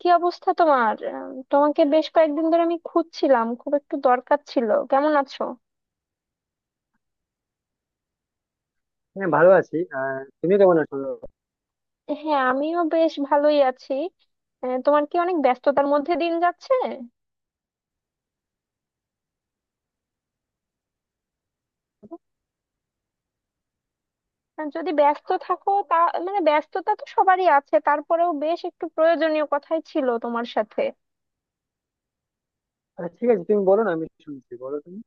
কি অবস্থা তোমার? তোমাকে বেশ কয়েকদিন ধরে আমি খুঁজছিলাম, খুব একটু দরকার ছিল। কেমন আছো? হ্যাঁ, ভালো আছি। তুমি কেমন আছো? হ্যাঁ, আমিও বেশ ভালোই আছি। তোমার কি অনেক ব্যস্ততার মধ্যে দিন যাচ্ছে? আর যদি ব্যস্ত থাকো তা মানে ব্যস্ততা তো সবারই আছে, তারপরেও বেশ একটু প্রয়োজনীয় কথাই ছিল তোমার সাথে। আচ্ছা, ঠিক আছে, তুমি বলো না, আমি শুনছি, বলো তুমি।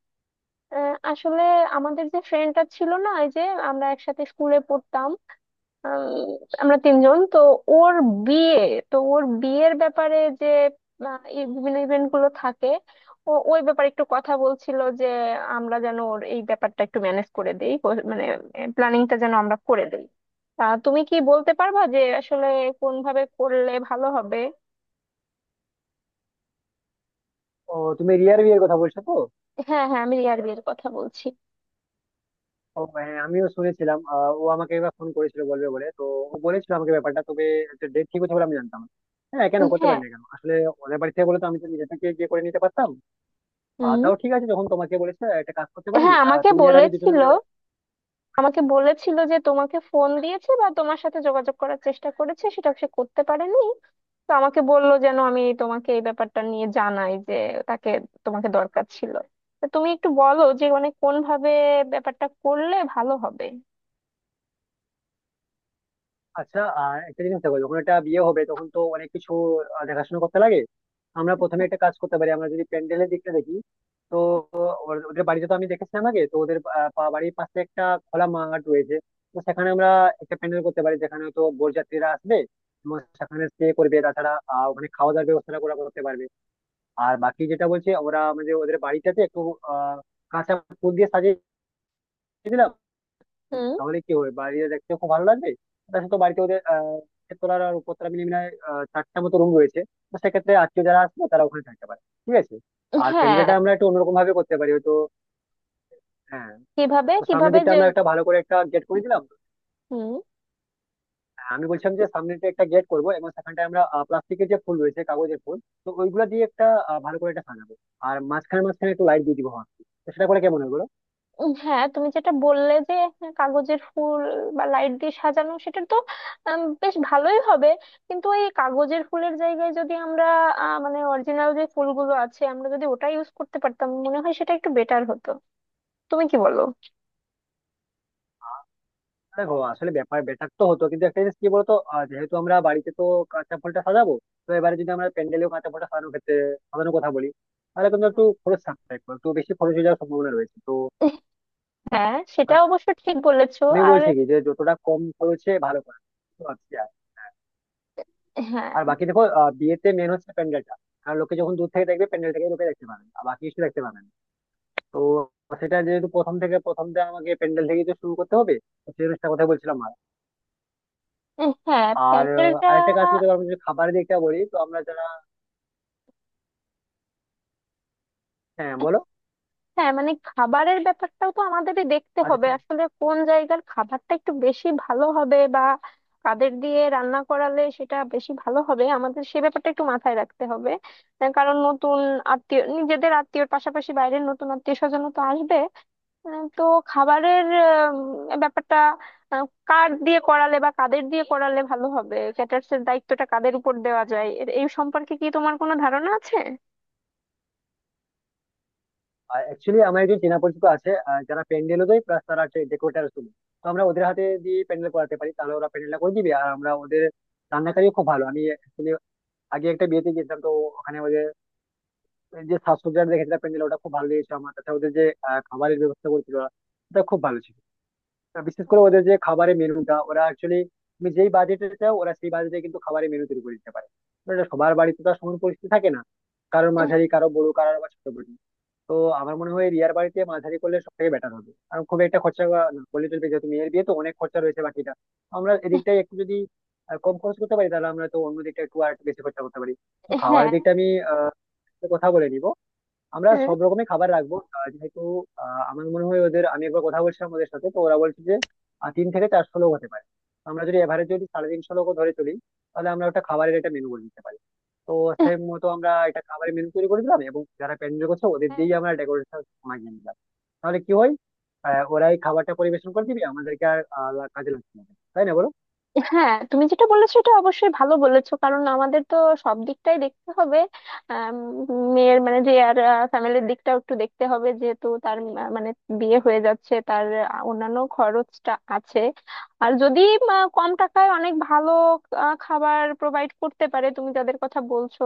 আসলে আমাদের যে ফ্রেন্ডটা ছিল না, এই যে আমরা একসাথে স্কুলে পড়তাম, আম, আমরা তিনজন তো, ওর বিয়ে, তো ওর বিয়ের ব্যাপারে যে এই বিভিন্ন ইভেন্ট গুলো থাকে, ও ওই ব্যাপারে একটু কথা বলছিল যে আমরা যেন ওর এই ব্যাপারটা একটু ম্যানেজ করে দেই, মানে প্ল্যানিংটা যেন আমরা করে দেই। তা তুমি কি বলতে পারবা যে আসলে কোন ভাবে করলে ভালো হবে? ও, তুমি রিয়ার বিয়ের কথা বলছো তো? হ্যাঁ, হ্যাঁ, আমি রিয়ার বিয়ের কথা বলছি। ও হ্যাঁ, আমিও শুনেছিলাম। ও আমাকে এবার ফোন করেছিল বলবে বলে তো। ও বলেছিল আমাকে ব্যাপারটা, তবে একটা ডেট ঠিক হচ্ছে বলে আমি জানতাম না। হ্যাঁ, কেন করতে হ্যাঁ। পারি না, কেন আসলে ওদের বাড়ি থেকে বলে তো আমি তো নিজে থেকে গিয়ে করে নিতে পারতাম। আর হুম। তাও ঠিক আছে, যখন তোমাকে বলেছে একটা কাজ করতে পারি, হ্যাঁ, আমাকে তুমি আর আমি দুজনে বলেছিল। মিলে। আমাকে বলেছিল যে তোমাকে ফোন দিয়েছে বা তোমার সাথে যোগাযোগ করার চেষ্টা করেছে, সেটা সে করতে পারেনি। তো আমাকে বললো যেন আমি তোমাকে এই ব্যাপারটা নিয়ে জানাই যে তাকে, তোমাকে দরকার ছিল। তো তুমি একটু বলো যে মানে কোন ভাবে ব্যাপারটা করলে ভালো হবে। আচ্ছা আর একটা জিনিস দেখো, যখন একটা বিয়ে হবে তখন তো অনেক কিছু দেখাশোনা করতে লাগে। আমরা প্রথমে একটা কাজ করতে পারি, আমরা যদি প্যান্ডেলের দিকটা দেখি। তো ওদের বাড়িতে তো আমি দেখেছিলাম আগে, তো ওদের বাড়ির পাশে একটা খোলা মাঠ রয়েছে। তো সেখানে আমরা একটা প্যান্ডেল করতে পারি, যেখানে তো বরযাত্রীরা আসবে এবং সেখানে স্টে করবে। তাছাড়া ওখানে খাওয়া দাওয়ার ব্যবস্থাটা ওরা করতে পারবে। আর বাকি যেটা বলছে ওরা আমাদের ওদের বাড়িটাতে একটু আহ কাঁচা ফুল দিয়ে সাজিয়ে দিলাম, হুম। তাহলে কি হবে? বাড়িতে দেখতে খুব ভালো লাগবে। তার সাথে বাড়িতে ওদের তেতলার আর উপরতলা মিলে মিলে চারটা মতো রুম রয়েছে। তো সেক্ষেত্রে আত্মীয় যারা আসবে তারা ওখানে থাকতে পারে, ঠিক আছে। আর হ্যাঁ। প্যান্ডেলটা আমরা একটু অন্যরকম ভাবে করতে পারি হয়তো। হ্যাঁ। কিভাবে তো সামনের কিভাবে দিকটা যে। আমরা একটা ভালো করে একটা গেট করে দিলাম। হুম। হ্যাঁ, আমি বলছিলাম যে সামনে দিকে একটা গেট করবো, এবং সেখানটায় আমরা প্লাস্টিকের যে ফুল রয়েছে, কাগজের ফুল, তো ওইগুলো দিয়ে একটা ভালো করে একটা সাজাবো। আর মাঝখানে মাঝখানে একটু লাইট দিয়ে দিবো, হ্যাঁ। তো সেটা করে কেমন হবে বলো? হ্যাঁ, তুমি যেটা বললে যে কাগজের ফুল বা লাইট দিয়ে সাজানো, সেটা তো বেশ ভালোই হবে। কিন্তু এই কাগজের ফুলের জায়গায় যদি আমরা মানে অরিজিনাল যে ফুলগুলো আছে, আমরা যদি ওটা ইউজ করতে পারতাম, মনে হয় সেটা একটু বেটার হতো। তুমি কি বলো? দেখো আসলে ব্যাপার বেটার তো হতো, কিন্তু একটা জিনিস কি বলতো, যেহেতু আমরা বাড়িতে তো কাঁচা ফুলটা সাজাবো, তো এবারে যদি আমরা প্যান্ডেলেও কাঁচা ফুলটা সাজানোর ক্ষেত্রে সাজানোর কথা বলি, তাহলে কিন্তু একটু খরচ থাকতে একটু একটু বেশি খরচ হয়ে যাওয়ার সম্ভাবনা রয়েছে তো। হ্যাঁ, সেটা অবশ্য ঠিক বলেছো। আমি আর বলছি কি, যে যতটা কম খরচে ভালো করা। তো আচ্ছা, আর হ্যাঁ। আর বাকি দেখো, বিয়েতে মেন হচ্ছে প্যান্ডেলটা, কারণ লোকে যখন দূর থেকে দেখবে প্যান্ডেলটাকে লোকে দেখতে পাবেন, আর বাকি কিছু দেখতে পাবেন। তো সেটা যেহেতু প্রথম থেকে আমাকে প্যান্ডেল থেকেই তো শুরু করতে হবে। তো সেই জিনিসটা কথা বলছিলাম। আর হ্যাঁ, আর প্যান্ডেলটা। আরেকটা কাজ করতে পারবো, যদি খাবারের দিকটা বলি, তো আমরা যারা হ্যাঁ বলো, হ্যাঁ মানে খাবারের ব্যাপারটাও তো আমাদেরই দেখতে আচ্ছা হবে, ঠিক। আসলে কোন জায়গার খাবারটা একটু বেশি ভালো হবে বা কাদের দিয়ে রান্না করালে সেটা বেশি ভালো হবে, আমাদের সে ব্যাপারটা একটু মাথায় রাখতে হবে। কারণ নতুন আত্মীয়, নিজেদের আত্মীয়র পাশাপাশি বাইরের নতুন আত্মীয় স্বজনও তো আসবে। তো খাবারের ব্যাপারটা, কার দিয়ে করালে বা কাদের দিয়ে করালে ভালো হবে, ক্যাটার্স এর দায়িত্বটা কাদের উপর দেওয়া যায়, এই সম্পর্কে কি তোমার কোনো ধারণা আছে? অ্যাকচুয়ালি আমার একজন চেনা পরিচিত আছে, যারা প্যান্ডেলও দেয়, প্লাস তারা ডেকোরেটার শুনে। তো আমরা ওদের হাতে দিয়ে প্যান্ডেল করাতে পারি, তাহলে ওরা প্যান্ডেলটা করে দিবে, আর আমরা ওদের রান্নাকারীও খুব ভালো। আমি actually আগে একটা বিয়েতে গেছিলাম তো, ওখানে ওদের যে সাজসজ্জা দেখেছিলাম, প্যান্ডেল, ওটা খুব ভালো লেগেছে আমার। তাছাড়া ওদের যে খাবারের ব্যবস্থা করেছিল ওরা, ওটা খুব ভালো ছিল। আর বিশেষ করে ওদের যে খাবারের মেনুটা, ওরা অ্যাকচুয়ালি তুমি যেই বাজেটে চাও ওরা সেই বাজেটে কিন্তু খাবারের মেনু তৈরি করে দিতে পারে। তো এটা সবার বাড়িতে তো আর সমান পরিস্থিতি থাকে না। কারোর এহ, মাঝারি, কারো বড়, কারোর আবার ছোট বড়। তো আমার মনে হয় রিয়ার বাড়িতে মাঝারি করলে সব থেকে বেটার হবে, কারণ খুব একটা খরচা না করলে চলবে, যেহেতু মেয়ের বিয়ে তো অনেক খরচা রয়েছে বাকিটা। আমরা এদিকটাই একটু যদি কম খরচ করতে পারি, তাহলে আমরা তো অন্য দিকটা একটু আর একটু বেশি খরচা করতে পারি। তো খাবারের হ্যাঁ। দিকটা আমি আহ, একটু কথা বলে নিব। আমরা সব রকমের খাবার রাখবো, যেহেতু আমার মনে হয় ওদের আমি একবার কথা বলছিলাম ওদের সাথে, তো ওরা বলছে যে 300 থেকে 400 লোক হতে পারে। আমরা যদি এভারেজ যদি 350 লোক ধরে চলি, তাহলে আমরা একটা খাবারের একটা মেনু করে দিতে পারি। তো সেই মতো আমরা এটা খাবারের মেনু তৈরি করে দিলাম, এবং যারা প্যান্ডেল করছে ওদের হ্যাঁ। দিয়েই আমরা ডেকোরেশন মাগিয়ে নিলাম। তাহলে কি হয়, ওরাই খাবারটা পরিবেশন করে দিবে আমাদেরকে, আর কাজে লাগছে না, তাই না বলো? হ্যাঁ, তুমি যেটা বলেছো এটা অবশ্যই ভালো বলেছো, কারণ আমাদের তো সব দিকটাই দেখতে হবে। আম, মেয়ের মানে যে আর ফ্যামিলির দিকটাও একটু দেখতে হবে, যেহেতু তার মানে বিয়ে হয়ে যাচ্ছে, তার অন্যান্য খরচটা আছে। আর যদি কম টাকায় অনেক ভালো খাবার প্রোভাইড করতে পারে, তুমি যাদের কথা বলছো,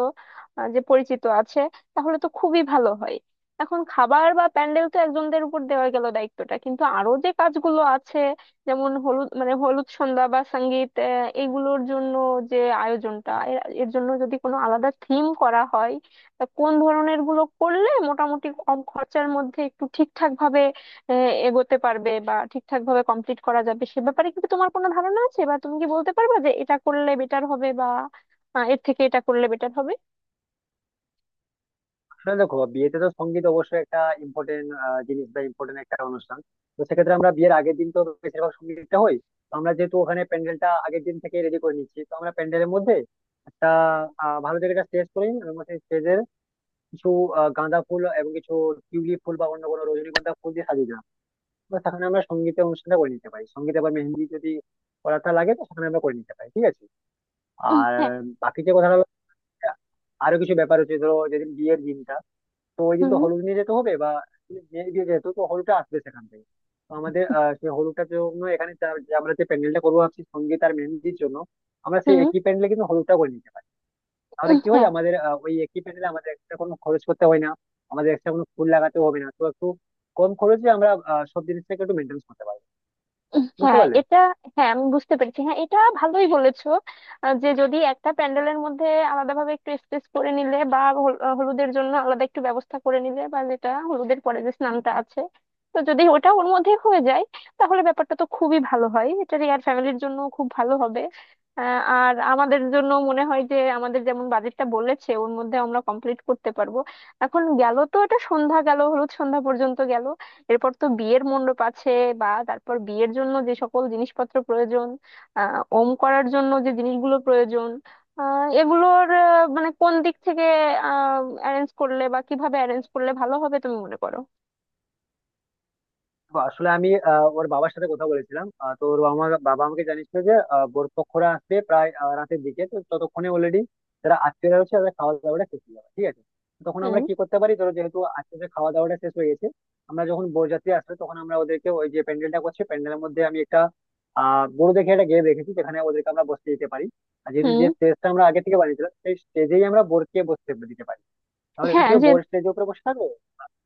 যে পরিচিত আছে, তাহলে তো খুবই ভালো হয়। এখন খাবার বা প্যান্ডেল তো একজনদের উপর দেওয়া গেল দায়িত্বটা, কিন্তু আরো যে কাজগুলো আছে যেমন হলুদ মানে হলুদ সন্ধ্যা বা সঙ্গীত, এগুলোর জন্য যে আয়োজনটা, এর এর জন্য যদি কোনো আলাদা থিম করা হয়, তা কোন ধরনের গুলো করলে মোটামুটি কম খরচার মধ্যে একটু ঠিকঠাক ভাবে আহ, এগোতে পারবে বা ঠিকঠাক ভাবে কমপ্লিট করা যাবে, সে ব্যাপারে কি তোমার কোনো ধারণা আছে, বা তুমি কি বলতে পারবে যে এটা করলে বেটার হবে বা এর থেকে এটা করলে বেটার হবে? আসলে দেখো বিয়েতে তো সঙ্গীত অবশ্যই একটা ইম্পর্টেন্ট জিনিস বা ইম্পর্টেন্ট একটা অনুষ্ঠান। তো সেক্ষেত্রে আমরা বিয়ের আগের দিন তো বেশিরভাগ সঙ্গীতটা হয়। তো আমরা যেহেতু ওখানে প্যান্ডেলটা আগের দিন থেকে রেডি করে নিচ্ছি, তো আমরা প্যান্ডেলের মধ্যে একটা হ্যাঁ। ভালো দেখে একটা স্টেজ করে নিই, এবং সেই স্টেজের কিছু গাঁদা ফুল এবং কিছু টিউলিপ ফুল বা অন্য কোনো রজনীগন্ধা ফুল দিয়ে সাজিয়ে দেবো। বা সেখানে আমরা সঙ্গীতের অনুষ্ঠানটা করে নিতে পারি। সঙ্গীত আবার মেহেন্দি যদি করাটা লাগে, তো সেখানে আমরা করে নিতে পারি, ঠিক আছে। আর হ্যাঁ। বাকি যে কথাটা হলো, আরো কিছু ব্যাপার হচ্ছে, ধরো যেদিন বিয়ের দিনটা, তো ওই দিন তো হুম। হলুদ নিয়ে যেতে হবে বা মেয়ের বিয়ে যেহেতু, তো হলুদটা আসবে সেখান থেকে। তো আমাদের আহ সেই হলুদটার জন্য এখানে যে আমরা যে প্যান্ডেলটা করবো ভাবছি সঙ্গীত আর মেহেন্দির জন্য, আমরা সেই হুম। একই প্যান্ডেলে কিন্তু হলুদটা করে নিতে পারি। তাহলে কি হয়, হ্যাঁ। আমাদের ওই একই প্যান্ডেলে আমাদের একটা কোনো খরচ করতে হয় না। আমাদের একটা কোনো ফুল লাগাতে হবে না, তো একটু কম খরচে আমরা সব জিনিসটাকে একটু মেনটেন করতে পারবো। বুঝতে হ্যাঁ, পারলে? এটা। হ্যাঁ, আমি বুঝতে পেরেছি। হ্যাঁ, এটা ভালোই বলেছো। যে যদি একটা প্যান্ডেলের মধ্যে আলাদাভাবে একটু স্পেস করে নিলে বা হলুদের জন্য আলাদা একটু ব্যবস্থা করে নিলে, বা যেটা হলুদের পরে যে স্নানটা আছে, তো যদি ওটা ওর মধ্যে হয়ে যায়, তাহলে ব্যাপারটা তো খুবই ভালো হয়। এটা রিয়ার ফ্যামিলির জন্য খুব ভালো হবে। আর আমাদের জন্য মনে হয় যে আমাদের যেমন বাজেটটা বলেছে ওর মধ্যে আমরা কমপ্লিট করতে পারবো। এখন গেল তো এটা সন্ধ্যা গেল, হলুদ সন্ধ্যা পর্যন্ত গেল, এরপর তো বিয়ের মণ্ডপ আছে, বা তারপর বিয়ের জন্য যে সকল জিনিসপত্র প্রয়োজন, ওম করার জন্য যে জিনিসগুলো প্রয়োজন, এগুলোর মানে কোন দিক থেকে অ্যারেঞ্জ করলে বা কিভাবে অ্যারেঞ্জ করলে ভালো হবে, তুমি মনে করো? তো আসলে আমি ওর বাবার সাথে কথা বলেছিলাম, তো ওর বাবা বাবা আমাকে জানিয়েছিল যে বরপক্ষরা আসবে প্রায় রাতের দিকে। তো ততক্ষণে অলরেডি যারা আত্মীয়রা রয়েছে তাদের খাওয়া দাওয়াটা শেষ হয়ে যাবে, ঠিক আছে। তো তখন হুম। আমরা কি করতে পারি, ধরো যেহেতু আত্মীয়দের খাওয়া দাওয়াটা শেষ হয়ে গেছে, আমরা যখন বরযাত্রী আসবে তখন আমরা ওদেরকে ওই যে প্যান্ডেলটা করছে প্যান্ডেলের মধ্যে, আমি একটা আহ বড় দেখে একটা গেম রেখেছি যেখানে ওদেরকে আমরা বসতে দিতে পারি। আর যেহেতু হুম। যে স্টেজটা আমরা আগে থেকে বানিয়েছিলাম, সেই স্টেজেই আমরা বোরকে বসতে দিতে পারি। তাহলে হ্যাঁ কেউ যে। বোর স্টেজের উপরে বসে থাকবে,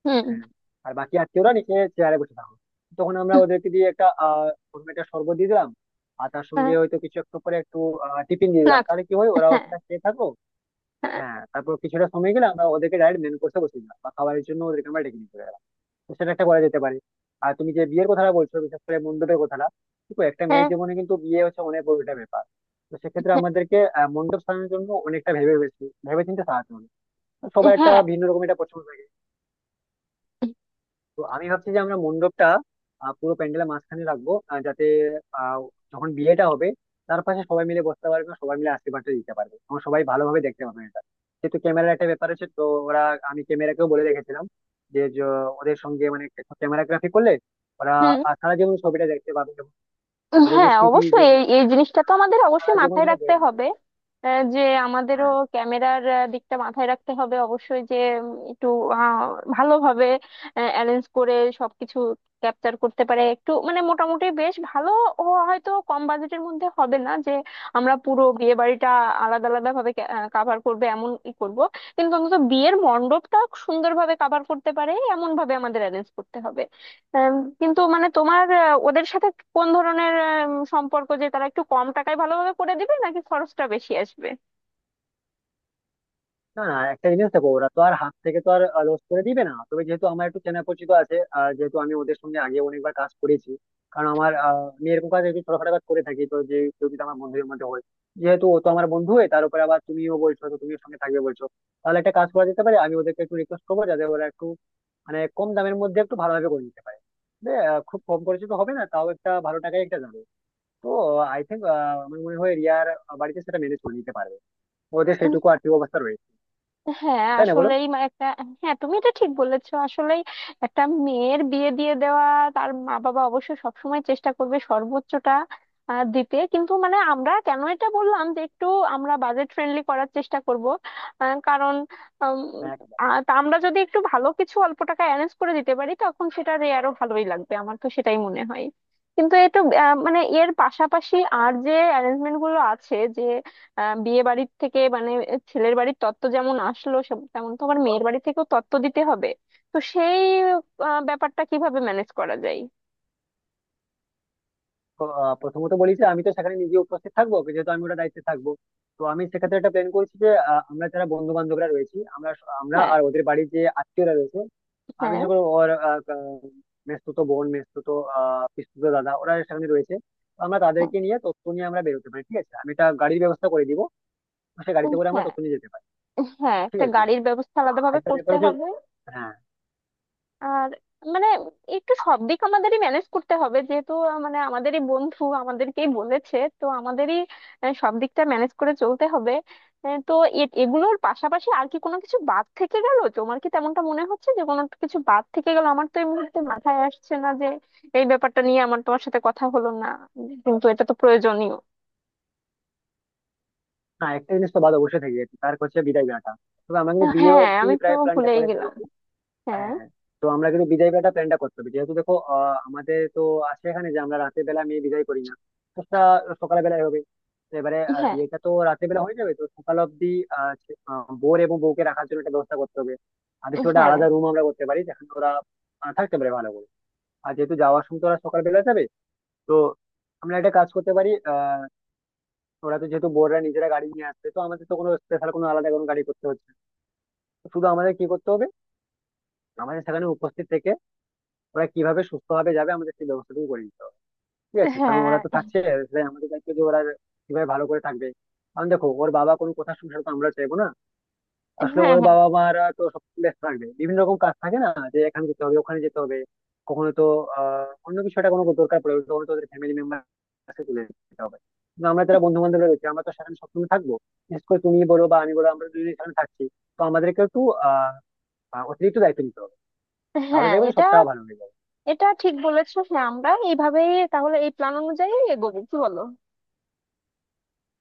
হুম। হ্যাঁ। আর বাকি আত্মীয়রা নিচে চেয়ারে বসে থাকো। তখন আমরা ওদেরকে দিয়ে একটা আহ কোনো একটা শরবত দিয়ে দিলাম, আর তার সঙ্গে হ্যাঁ। হয়তো কিছু একটু করে একটু টিফিন দিয়ে না। দিলাম। তাহলে কি হয়, ওরাও হ্যাঁ। সেটা খেয়ে থাকো। হ্যাঁ, তারপর কিছুটা সময় গেলে আমরা ওদেরকে ডাইরেক্ট মেন কোর্সে বসিয়ে দিলাম, বা খাবারের জন্য ওদেরকে আমরা ডেকে নিয়ে চলে গেলাম। তো সেটা একটা করা যেতে পারে। আর তুমি যে বিয়ের কথাটা বলছো, বিশেষ করে মণ্ডপের কথাটা, দেখো একটা মেয়ের হ্যাঁ। জীবনে কিন্তু বিয়ে হচ্ছে অনেক বড় একটা ব্যাপার। তো সেক্ষেত্রে হ্যাঁ। আমাদেরকে মণ্ডপ সাজানোর জন্য অনেকটা ভেবে ভেবে চিন্তে সাজাতে হবে। তো হ্যাঁ। সবার একটা হ্যাঁ, ভিন্ন রকম একটা পছন্দ। তো আমি ভাবছি যে আমরা মণ্ডপটা পুরো প্যান্ডেলের মাঝখানে রাখবো, যাতে আহ, যখন বিয়েটা হবে, তার পাশে সবাই মিলে বসতে পারবে, সবাই মিলে আশীর্বাদটা দিতে পারবে, এবং সবাই ভালোভাবে দেখতে পাবে এটা। যেহেতু ক্যামেরার একটা ব্যাপার আছে, তো ওরা আমি ক্যামেরাকেও বলে রেখেছিলাম যে ওদের সঙ্গে মানে ক্যামেরাগ্রাফি করলে ওরা হুম। সারা জীবন ছবিটা দেখতে পাবে, এবং ওদের যে হ্যাঁ স্মৃতি যে অবশ্যই, এই এই জিনিসটা তো আমাদের সারা অবশ্যই জীবন মাথায় ধরে রাখতে বয়ে আনবে। হবে। যে আমাদেরও হ্যাঁ। ক্যামেরার দিকটা মাথায় রাখতে হবে অবশ্যই, যে একটু আহ, ভালোভাবে অ্যারেঞ্জ করে সবকিছু ক্যাপচার করতে পারে, একটু মানে মোটামুটি বেশ ভালো ও। হয়তো কম বাজেটের মধ্যে হবে না যে আমরা পুরো বিয়ে বাড়িটা আলাদা আলাদা ভাবে কাভার করবে এমন ই করব, কিন্তু অন্তত বিয়ের মণ্ডপটা সুন্দরভাবে কাভার করতে পারে এমন ভাবে আমাদের অ্যারেঞ্জ করতে হবে। আম, কিন্তু মানে তোমার ওদের সাথে কোন ধরনের সম্পর্ক, যে তারা একটু কম টাকায় ভালোভাবে করে দিবে নাকি খরচটা বেশি আসবে? না না, একটা জিনিস দেখো, ওরা তো আর হাত থেকে তো আর লস করে দিবে না। তবে যেহেতু আমার একটু চেনা পরিচিত আছে, আর যেহেতু আমি ওদের সঙ্গে আগে অনেকবার কাজ করেছি, কারণ আমার আমি এরকম কাজ একটু ছোটখাটো কাজ করে থাকি, তো যে কেউ যদি আমার বন্ধুদের মধ্যে হয়, যেহেতু ও তো আমার বন্ধু, হয়ে তার উপরে আবার তুমিও বলছো তো তুমিও সঙ্গে থাকবে বলছো, তাহলে একটা কাজ করা যেতে পারে। আমি ওদেরকে একটু রিকোয়েস্ট করবো যাতে ওরা একটু মানে কম দামের মধ্যে একটু ভালোভাবে করে নিতে পারে। যে, খুব কম খরচে তো হবে না, তাও একটা ভালো টাকায় একটা যাবে। তো আই থিঙ্ক, আমার মনে হয় রিয়ার বাড়িতে সেটা ম্যানেজ করে নিতে পারবে। ওদের সেইটুকু আর্থিক অবস্থা রয়েছে, হ্যাঁ, তাই না বলো? আসলেই একটা। হ্যাঁ, তুমি এটা ঠিক বলেছো। আসলেই একটা মেয়ের বিয়ে দিয়ে দেওয়া, তার মা বাবা অবশ্যই সবসময় চেষ্টা করবে সর্বোচ্চটা দিতে, কিন্তু মানে আমরা কেন এটা বললাম যে একটু আমরা বাজেট ফ্রেন্ডলি করার চেষ্টা করব, কারণ উম, একদম। তা আমরা যদি একটু ভালো কিছু অল্প টাকা অ্যারেঞ্জ করে দিতে পারি, তখন সেটা আরো ভালোই লাগবে আমার, তো সেটাই মনে হয়। কিন্তু এটা মানে এর পাশাপাশি আর যে অ্যারেঞ্জমেন্ট গুলো আছে, যে বিয়ে বাড়ির থেকে মানে ছেলের বাড়ির তত্ত্ব যেমন আসলো সব, তেমন তো আবার মেয়ের বাড়ি থেকেও তত্ত্ব দিতে হবে, তো সেই ব্যাপারটা কিভাবে ম্যানেজ করা যায়? তো, প্রথমত বলি যে আমি তো সেখানে নিজে উপস্থিত থাকবো, যেহেতু আমি ওটা দায়িত্বে থাকবো। তো আমি সেক্ষেত্রে একটা প্ল্যান করেছি যে, আমরা যারা বন্ধু বান্ধবরা রয়েছি, আমরা হ্যাঁ, আর ওদের বাড়ির যে আত্মীয়রা রয়েছে, আমি হ্যাঁ। বিশেষ করে ওর আহ, আহ, মেসতুতো বোন, মেসতুতো আহ পিসতুতো দাদা, ওরা সেখানে রয়েছে। তো আমরা তাদেরকে নিয়ে তথ্য নিয়ে আমরা বেরোতে পারি, ঠিক আছে। আমি একটা গাড়ির ব্যবস্থা করে দিব, তো সেই গাড়িতে হ্যাঁ। করে আমরা হ্যাঁ, তথ্য নিয়ে যেতে পারি। হ্যাঁ, ঠিক একটা আছে, গাড়ির ব্যবস্থা আলাদাভাবে আরেকটা ব্যাপার করতে হচ্ছে, হবে। হ্যাঁ। আর মানে একটু সব দিক আমাদেরই ম্যানেজ করতে হবে, যেহেতু মানে আমাদেরই বন্ধু আমাদেরকেই বলেছে, তো আমাদেরই সব দিকটা ম্যানেজ করে চলতে হবে। তো এগুলোর পাশাপাশি আর কি কোনো কিছু বাদ থেকে গেল? তোমার কি তেমনটা মনে হচ্ছে যে কোনো কিছু বাদ থেকে গেল? আমার তো এই মুহূর্তে মাথায় আসছে না যে এই ব্যাপারটা নিয়ে আমার তোমার সাথে কথা হলো না, কিন্তু এটা তো প্রয়োজনীয়। না, একটা জিনিস তো বাদ অবশ্যই থেকে গেছে, তার হচ্ছে বিদায় বেলাটা। তবে আমরা কিন্তু বিয়ে হ্যাঁ, অব্দি আমি তো প্রায় প্ল্যানটা ভুলেই করে গেলাম। ফেলেছি। হ্যাঁ। হ্যাঁ। তো আমরা কিন্তু বিদায় বেলাটা প্ল্যানটা করতে হবে, যেহেতু দেখো আমাদের তো আছে এখানে যে আমরা রাতের বেলা মেয়ে বিদায় করি না। তো সেটা সকাল বেলায় হবে। তো এবারে হ্যাঁ। বিয়েটা তো রাতের বেলা হয়ে যাবে, তো সকাল অব্দি বর এবং বউকে রাখার জন্য একটা ব্যবস্থা করতে হবে। আর কিছু একটা হ্যাঁ। আলাদা রুম আমরা করতে পারি যেখানে ওরা থাকতে পারে ভালো করে। আর যেহেতু যাওয়ার সময় তো ওরা সকালবেলা যাবে, তো আমরা একটা কাজ করতে পারি। ওরা তো যেহেতু বোর্ডরা নিজেরা গাড়ি নিয়ে আসবে, তো আমাদের তো কোনো স্পেশাল কোনো আলাদা কোনো গাড়ি করতে হচ্ছে না। তো শুধু আমাদের কি করতে হবে, আমাদের সেখানে উপস্থিত থেকে ওরা কিভাবে সুস্থভাবে যাবে আমাদের সেই ব্যবস্থাটুকু করে নিতে হবে, ঠিক আছে। কারণ ওরা হ্যাঁ। তো থাকছে, তাই আমাদের দায়িত্ব যে ওরা কিভাবে ভালো করে থাকবে। কারণ দেখো ওর বাবা কোনো কথা শুনছে না, তো আমরা চাইবো না, আসলে হ্যাঁ। ওর হ্যাঁ। বাবা মারা তো সব ব্যস্ত থাকবে, বিভিন্ন রকম কাজ থাকে না যে এখানে যেতে হবে ওখানে যেতে হবে, কখনো তো আহ অন্য কিছু একটা কোনো দরকার পড়বে, তখন তো ওদের ফ্যামিলি মেম্বার কাছে চলে যেতে হবে। কিন্তু আমরা যারা বন্ধু বান্ধব রয়েছে আমরা তো সেখানে সবসময় থাকবো। বিশেষ করে তুমি বলো বা আমি বলো, আমরা দুজনে সেখানে থাকছি, তো আমাদেরকে একটু আহ আহ, অতিরিক্ত দায়িত্ব নিতে হবে, তাহলে হ্যাঁ, দেখবেন এটা। সবটা ভালো হবে। এটা ঠিক বলেছো। হ্যাঁ, আমরা এইভাবেই তাহলে এই প্ল্যান অনুযায়ী এগোবো, কি বলো?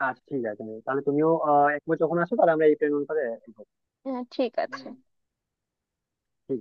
আচ্ছা ঠিক আছে, তাহলে তুমিও একবার যখন আসো, তাহলে আমরা এই প্ল্যান অনুসারে এগোবো। হ্যাঁ, ঠিক আছে। ঠিক আছে।